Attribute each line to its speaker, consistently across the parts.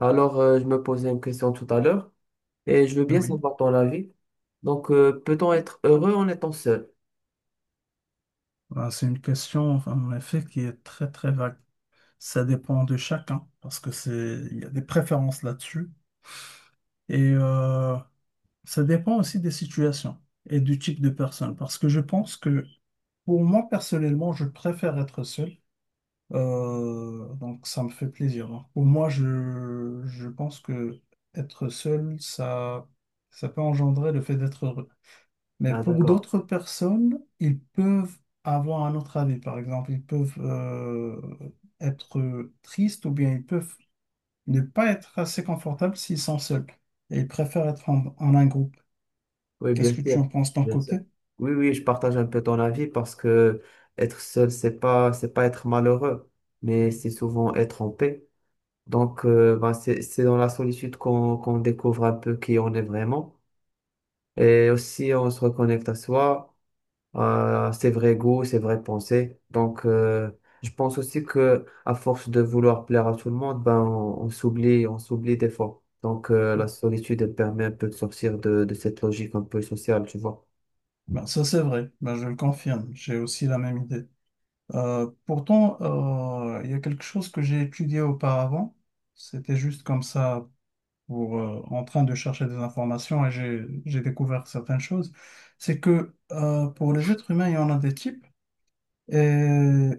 Speaker 1: Alors, je me posais une question tout à l'heure et je veux
Speaker 2: Ah
Speaker 1: bien
Speaker 2: oui.
Speaker 1: savoir ton avis. Donc, peut-on être heureux en étant seul?
Speaker 2: Ah, c'est une question, enfin, en effet, qui est très, très vague. Ça dépend de chacun, parce que c'est, il y a des préférences là-dessus. Et ça dépend aussi des situations et du type de personne. Parce que je pense que, pour moi, personnellement, je préfère être seul. Donc, ça me fait plaisir, hein. Pour moi, je pense que être seul, ça peut engendrer le fait d'être heureux. Mais
Speaker 1: Ah,
Speaker 2: pour
Speaker 1: d'accord.
Speaker 2: d'autres personnes, ils peuvent avoir un autre avis. Par exemple, ils peuvent être tristes ou bien ils peuvent ne pas être assez confortables s'ils sont seuls. Et ils préfèrent être en un groupe.
Speaker 1: Oui, bien
Speaker 2: Qu'est-ce que
Speaker 1: sûr.
Speaker 2: tu en penses d'un
Speaker 1: Bien sûr.
Speaker 2: côté?
Speaker 1: Oui, je partage un peu ton avis parce que être seul, c'est pas être malheureux, mais c'est souvent être en paix. Donc, c'est dans la solitude qu'on découvre un peu qui on est vraiment et aussi on se reconnecte à soi. Ses vrais goûts, ses vraies pensées. Donc, je pense aussi que à force de vouloir plaire à tout le monde, ben, on s'oublie, on s'oublie des fois. Donc, la solitude, elle permet un peu de sortir de cette logique un peu sociale, tu vois.
Speaker 2: Ben, ça, c'est vrai. Ben, je le confirme, j'ai aussi la même idée. Pourtant, il y a quelque chose que j'ai étudié auparavant, c'était juste comme ça, pour, en train de chercher des informations, et j'ai découvert certaines choses. C'est que pour les êtres humains, il y en a des types, et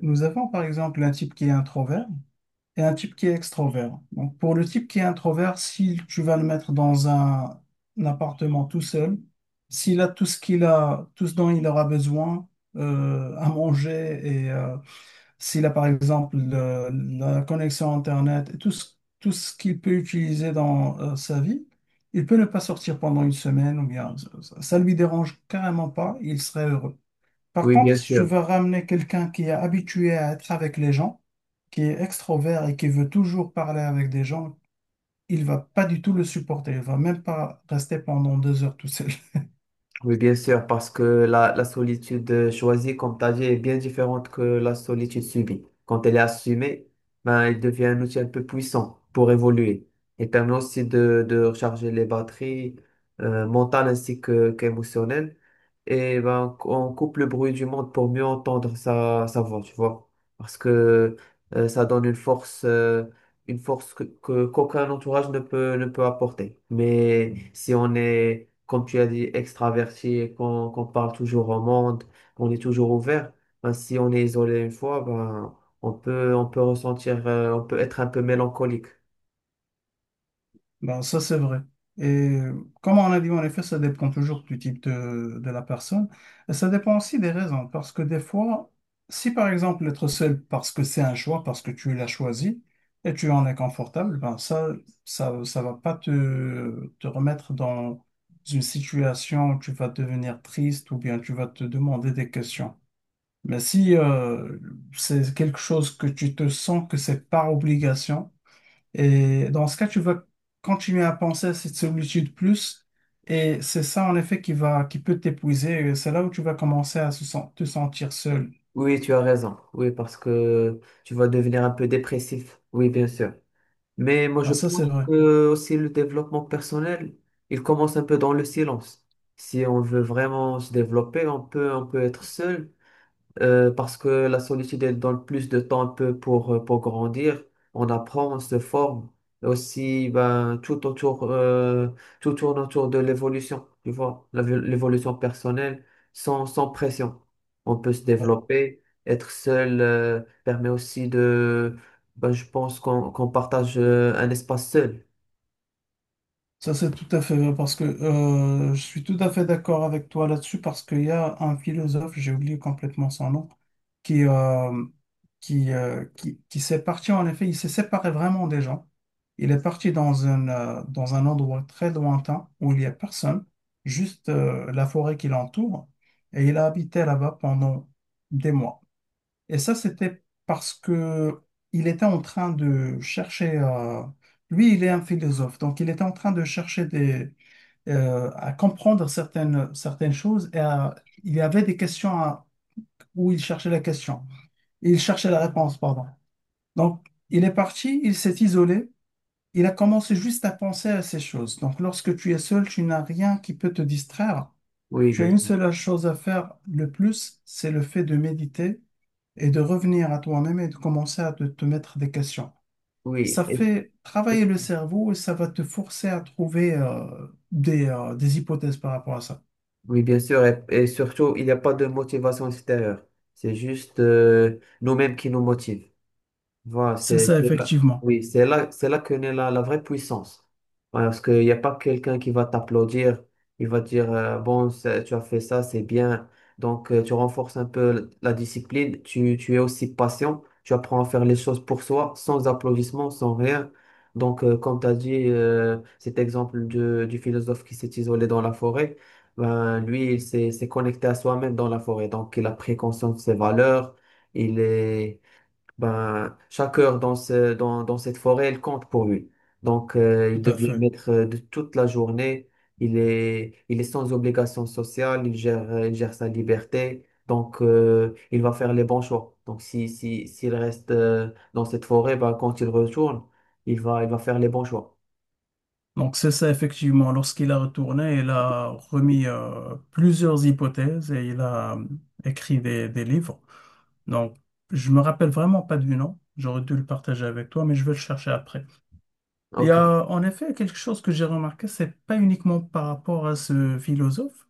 Speaker 2: nous avons par exemple un type qui est introvert, et un type qui est extrovert. Donc, pour le type qui est introvert, si tu vas le mettre dans un appartement tout seul, s'il a tout ce qu'il a, tout ce dont il aura besoin, à manger et s'il a par exemple la connexion Internet et tout ce qu'il peut utiliser dans sa vie, il peut ne pas sortir pendant une semaine ou bien ça, ça lui dérange carrément pas, il serait heureux. Par
Speaker 1: Oui,
Speaker 2: contre,
Speaker 1: bien
Speaker 2: si tu
Speaker 1: sûr.
Speaker 2: veux ramener quelqu'un qui est habitué à être avec les gens, qui est extrovert et qui veut toujours parler avec des gens, il va pas du tout le supporter. Il va même pas rester pendant deux heures tout seul.
Speaker 1: Oui, bien sûr, parce que la solitude choisie, comme tu as dit, est bien différente que la solitude subie. Quand elle est assumée, ben, elle devient un outil un peu puissant pour évoluer. Elle permet aussi de recharger les batteries mentales ainsi que, qu'émotionnelles. Et ben, on coupe le bruit du monde pour mieux entendre sa voix, tu vois. Parce que ça donne une force qu'aucun entourage ne peut apporter. Mais si on est comme tu as dit, extraverti, et qu'on parle toujours au monde, on est toujours ouvert. Ben, si on est isolé une fois, ben, on peut ressentir, on peut être un peu mélancolique.
Speaker 2: Ben, ça, c'est vrai. Et comme on a dit, en effet, ça dépend toujours du type de la personne. Et ça dépend aussi des raisons. Parce que des fois, si par exemple, être seul parce que c'est un choix, parce que tu l'as choisi et tu en es confortable, ben ça, ça va pas te remettre dans une situation où tu vas devenir triste ou bien tu vas te demander des questions. Mais si c'est quelque chose que tu te sens que c'est par obligation, et dans ce cas, tu vas continuer à penser à cette solitude plus, et c'est ça en effet qui va, qui peut t'épuiser. Et c'est là où tu vas commencer à te sentir seul.
Speaker 1: Oui, tu as raison. Oui, parce que tu vas devenir un peu dépressif. Oui, bien sûr. Mais moi, je
Speaker 2: Ben, ça, c'est
Speaker 1: pense
Speaker 2: vrai.
Speaker 1: que aussi le développement personnel, il commence un peu dans le silence. Si on veut vraiment se développer, on peut être seul parce que la solitude, elle donne plus de temps un peu pour grandir. On apprend, on se forme. Et aussi, ben, tout autour, tout tourne autour de l'évolution, tu vois, l'évolution personnelle, sans pression. On peut se développer. Être seul, permet aussi de, ben, je pense qu'on partage un espace seul.
Speaker 2: Ça, c'est tout à fait vrai, parce que je suis tout à fait d'accord avec toi là-dessus, parce qu'il y a un philosophe, j'ai oublié complètement son nom, qui, euh, qui s'est parti en effet, il s'est séparé vraiment des gens. Il est parti dans dans un endroit très lointain où il n'y a personne, juste la forêt qui l'entoure, et il a habité là-bas pendant des mois. Et ça, c'était parce que il était en train de chercher. Lui, il est un philosophe, donc il était en train de chercher des, à comprendre certaines choses et il y avait des questions où il cherchait la question. Il cherchait la réponse, pardon. Donc, il est parti, il s'est isolé, il a commencé juste à penser à ces choses. Donc, lorsque tu es seul, tu n'as rien qui peut te distraire.
Speaker 1: Oui,
Speaker 2: Tu as
Speaker 1: bien
Speaker 2: une
Speaker 1: sûr.
Speaker 2: seule chose à faire le plus, c'est le fait de méditer et de revenir à toi-même et de commencer à te mettre des questions.
Speaker 1: Oui.
Speaker 2: Ça fait travailler le cerveau et ça va te forcer à trouver des hypothèses par rapport à ça.
Speaker 1: Oui, bien sûr, et surtout, il n'y a pas de motivation extérieure. C'est juste nous-mêmes qui nous motivent. Voilà,
Speaker 2: C'est
Speaker 1: c'est
Speaker 2: ça,
Speaker 1: c'est là,
Speaker 2: effectivement.
Speaker 1: oui, c'est là que naît la vraie puissance. Voilà, parce qu'il n'y a pas quelqu'un qui va t'applaudir, il va dire bon, c'est- tu as fait ça, c'est bien. Donc, tu renforces un peu la discipline, tu es aussi patient, tu apprends à faire les choses pour soi, sans applaudissements, sans rien. Donc, comme tu as dit, cet exemple de- du philosophe qui s'est isolé dans la forêt, ben, lui, il s'est connecté à soi-même dans la forêt. Donc, il a pris conscience de ses valeurs, il est. Ben, chaque heure dans cette forêt, elle compte pour lui. Donc,
Speaker 2: Tout
Speaker 1: il
Speaker 2: à
Speaker 1: devient
Speaker 2: fait.
Speaker 1: maître de toute la journée. Il est sans obligation sociale. Il gère sa liberté. Donc, il va faire les bons choix. Donc, si, si, s'il reste dans cette forêt, ben, quand il retourne, il va faire les bons choix.
Speaker 2: Donc c'est ça, effectivement. Lorsqu'il a retourné, il a remis plusieurs hypothèses et il a écrit des livres. Donc, je me rappelle vraiment pas du nom. J'aurais dû le partager avec toi, mais je vais le chercher après. Il y
Speaker 1: OK.
Speaker 2: a en effet quelque chose que j'ai remarqué, c'est pas uniquement par rapport à ce philosophe,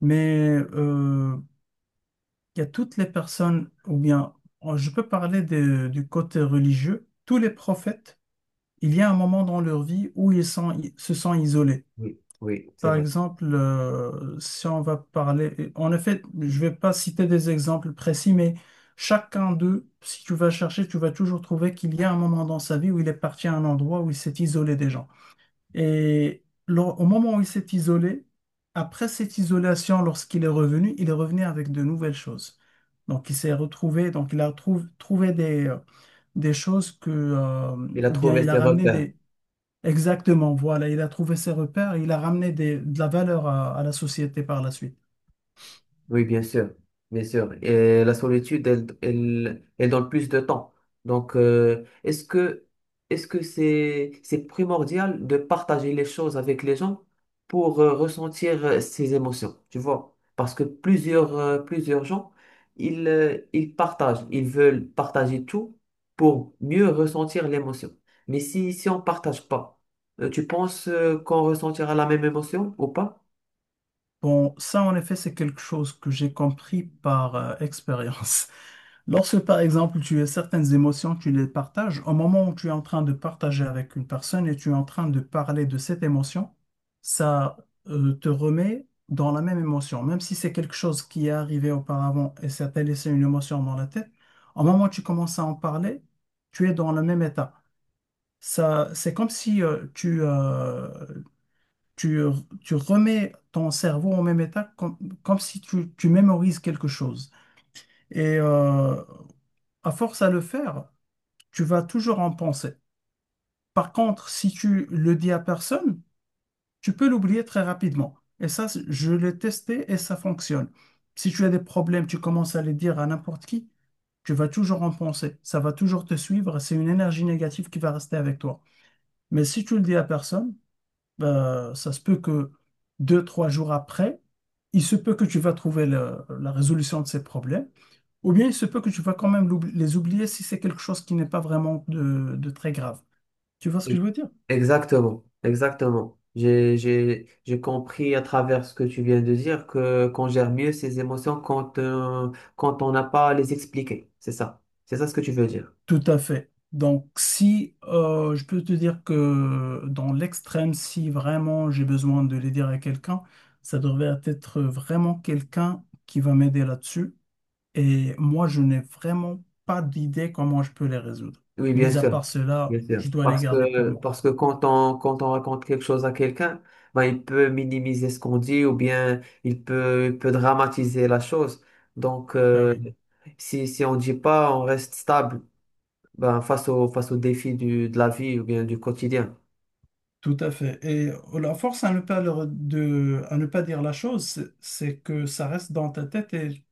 Speaker 2: mais il y a toutes les personnes, ou bien oh, je peux parler du côté religieux, tous les prophètes, il y a un moment dans leur vie où ils se sont isolés.
Speaker 1: Oui, oui, c'est
Speaker 2: Par
Speaker 1: vrai.
Speaker 2: exemple, si on va parler, en effet, je vais pas citer des exemples précis, mais chacun d'eux, si tu vas chercher, tu vas toujours trouver qu'il y a un moment dans sa vie où il est parti à un endroit où il s'est isolé des gens. Et au moment où il s'est isolé, après cette isolation, lorsqu'il est revenu, il est revenu avec de nouvelles choses. Donc, il s'est retrouvé, donc il a trouvé des choses que,
Speaker 1: Il a
Speaker 2: ou bien
Speaker 1: trouvé
Speaker 2: il a
Speaker 1: ses
Speaker 2: ramené.
Speaker 1: repères.
Speaker 2: Exactement, voilà, il a trouvé ses repères, il a ramené de la valeur à la société par la suite.
Speaker 1: Oui, bien sûr, bien sûr. Et la solitude, elle donne plus de temps. Donc, est-ce que c'est primordial de partager les choses avec les gens pour ressentir ces émotions, tu vois? Parce que plusieurs gens, ils veulent partager tout pour mieux ressentir l'émotion. Mais si, si on partage pas, tu penses qu'on ressentira la même émotion ou pas?
Speaker 2: Bon, ça en effet, c'est quelque chose que j'ai compris par expérience. Lorsque, par exemple, tu as certaines émotions, tu les partages, au moment où tu es en train de partager avec une personne et tu es en train de parler de cette émotion, ça te remet dans la même émotion. Même si c'est quelque chose qui est arrivé auparavant et ça t'a laissé une émotion dans la tête, au moment où tu commences à en parler, tu es dans le même état. Ça, c'est comme si tu, tu remets ton cerveau en même état, comme, comme si tu mémorises quelque chose. Et à force à le faire, tu vas toujours en penser. Par contre, si tu le dis à personne, tu peux l'oublier très rapidement. Et ça, je l'ai testé et ça fonctionne. Si tu as des problèmes, tu commences à les dire à n'importe qui, tu vas toujours en penser. Ça va toujours te suivre. C'est une énergie négative qui va rester avec toi. Mais si tu le dis à personne, ça se peut que deux, trois jours après, il se peut que tu vas trouver la résolution de ces problèmes, ou bien il se peut que tu vas quand même les oublier si c'est quelque chose qui n'est pas vraiment de très grave. Tu vois ce que je veux dire?
Speaker 1: Exactement, exactement. J'ai compris à travers ce que tu viens de dire que qu'on gère mieux ses émotions quand, quand on n'a pas à les expliquer. C'est ça. C'est ça ce que tu veux dire.
Speaker 2: Tout à fait. Donc, si je peux te dire que dans l'extrême, si vraiment j'ai besoin de les dire à quelqu'un, ça devrait être vraiment quelqu'un qui va m'aider là-dessus. Et moi, je n'ai vraiment pas d'idée comment je peux les résoudre.
Speaker 1: Oui, bien
Speaker 2: Mis à
Speaker 1: sûr,
Speaker 2: part
Speaker 1: bien
Speaker 2: cela,
Speaker 1: sûr.
Speaker 2: je dois les garder pour moi.
Speaker 1: Parce que quand quand on raconte quelque chose à quelqu'un, ben, il peut minimiser ce qu'on dit ou bien il peut dramatiser la chose. Donc,
Speaker 2: Ben
Speaker 1: euh,
Speaker 2: oui,
Speaker 1: si, si on dit pas, on reste stable, ben, face aux défis de la vie ou bien du quotidien.
Speaker 2: tout à fait. Et la force à ne pas, à ne pas dire la chose, c'est que ça reste dans ta tête et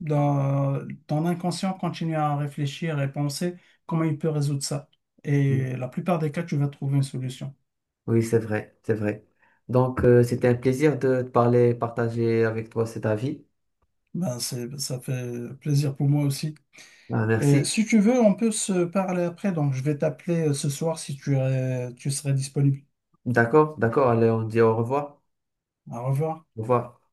Speaker 2: dans ton inconscient continue à réfléchir et penser comment il peut résoudre ça. Et la plupart des cas, tu vas trouver une solution.
Speaker 1: Oui, c'est vrai, c'est vrai. Donc, c'était un plaisir de te parler, partager avec toi cet avis.
Speaker 2: Ben, c'est, ça fait plaisir pour moi aussi.
Speaker 1: Ah,
Speaker 2: Et
Speaker 1: merci.
Speaker 2: si tu veux, on peut se parler après. Donc, je vais t'appeler ce soir si tu serais disponible.
Speaker 1: D'accord, d'accord. Allez, on dit au revoir.
Speaker 2: Au revoir.
Speaker 1: Au revoir.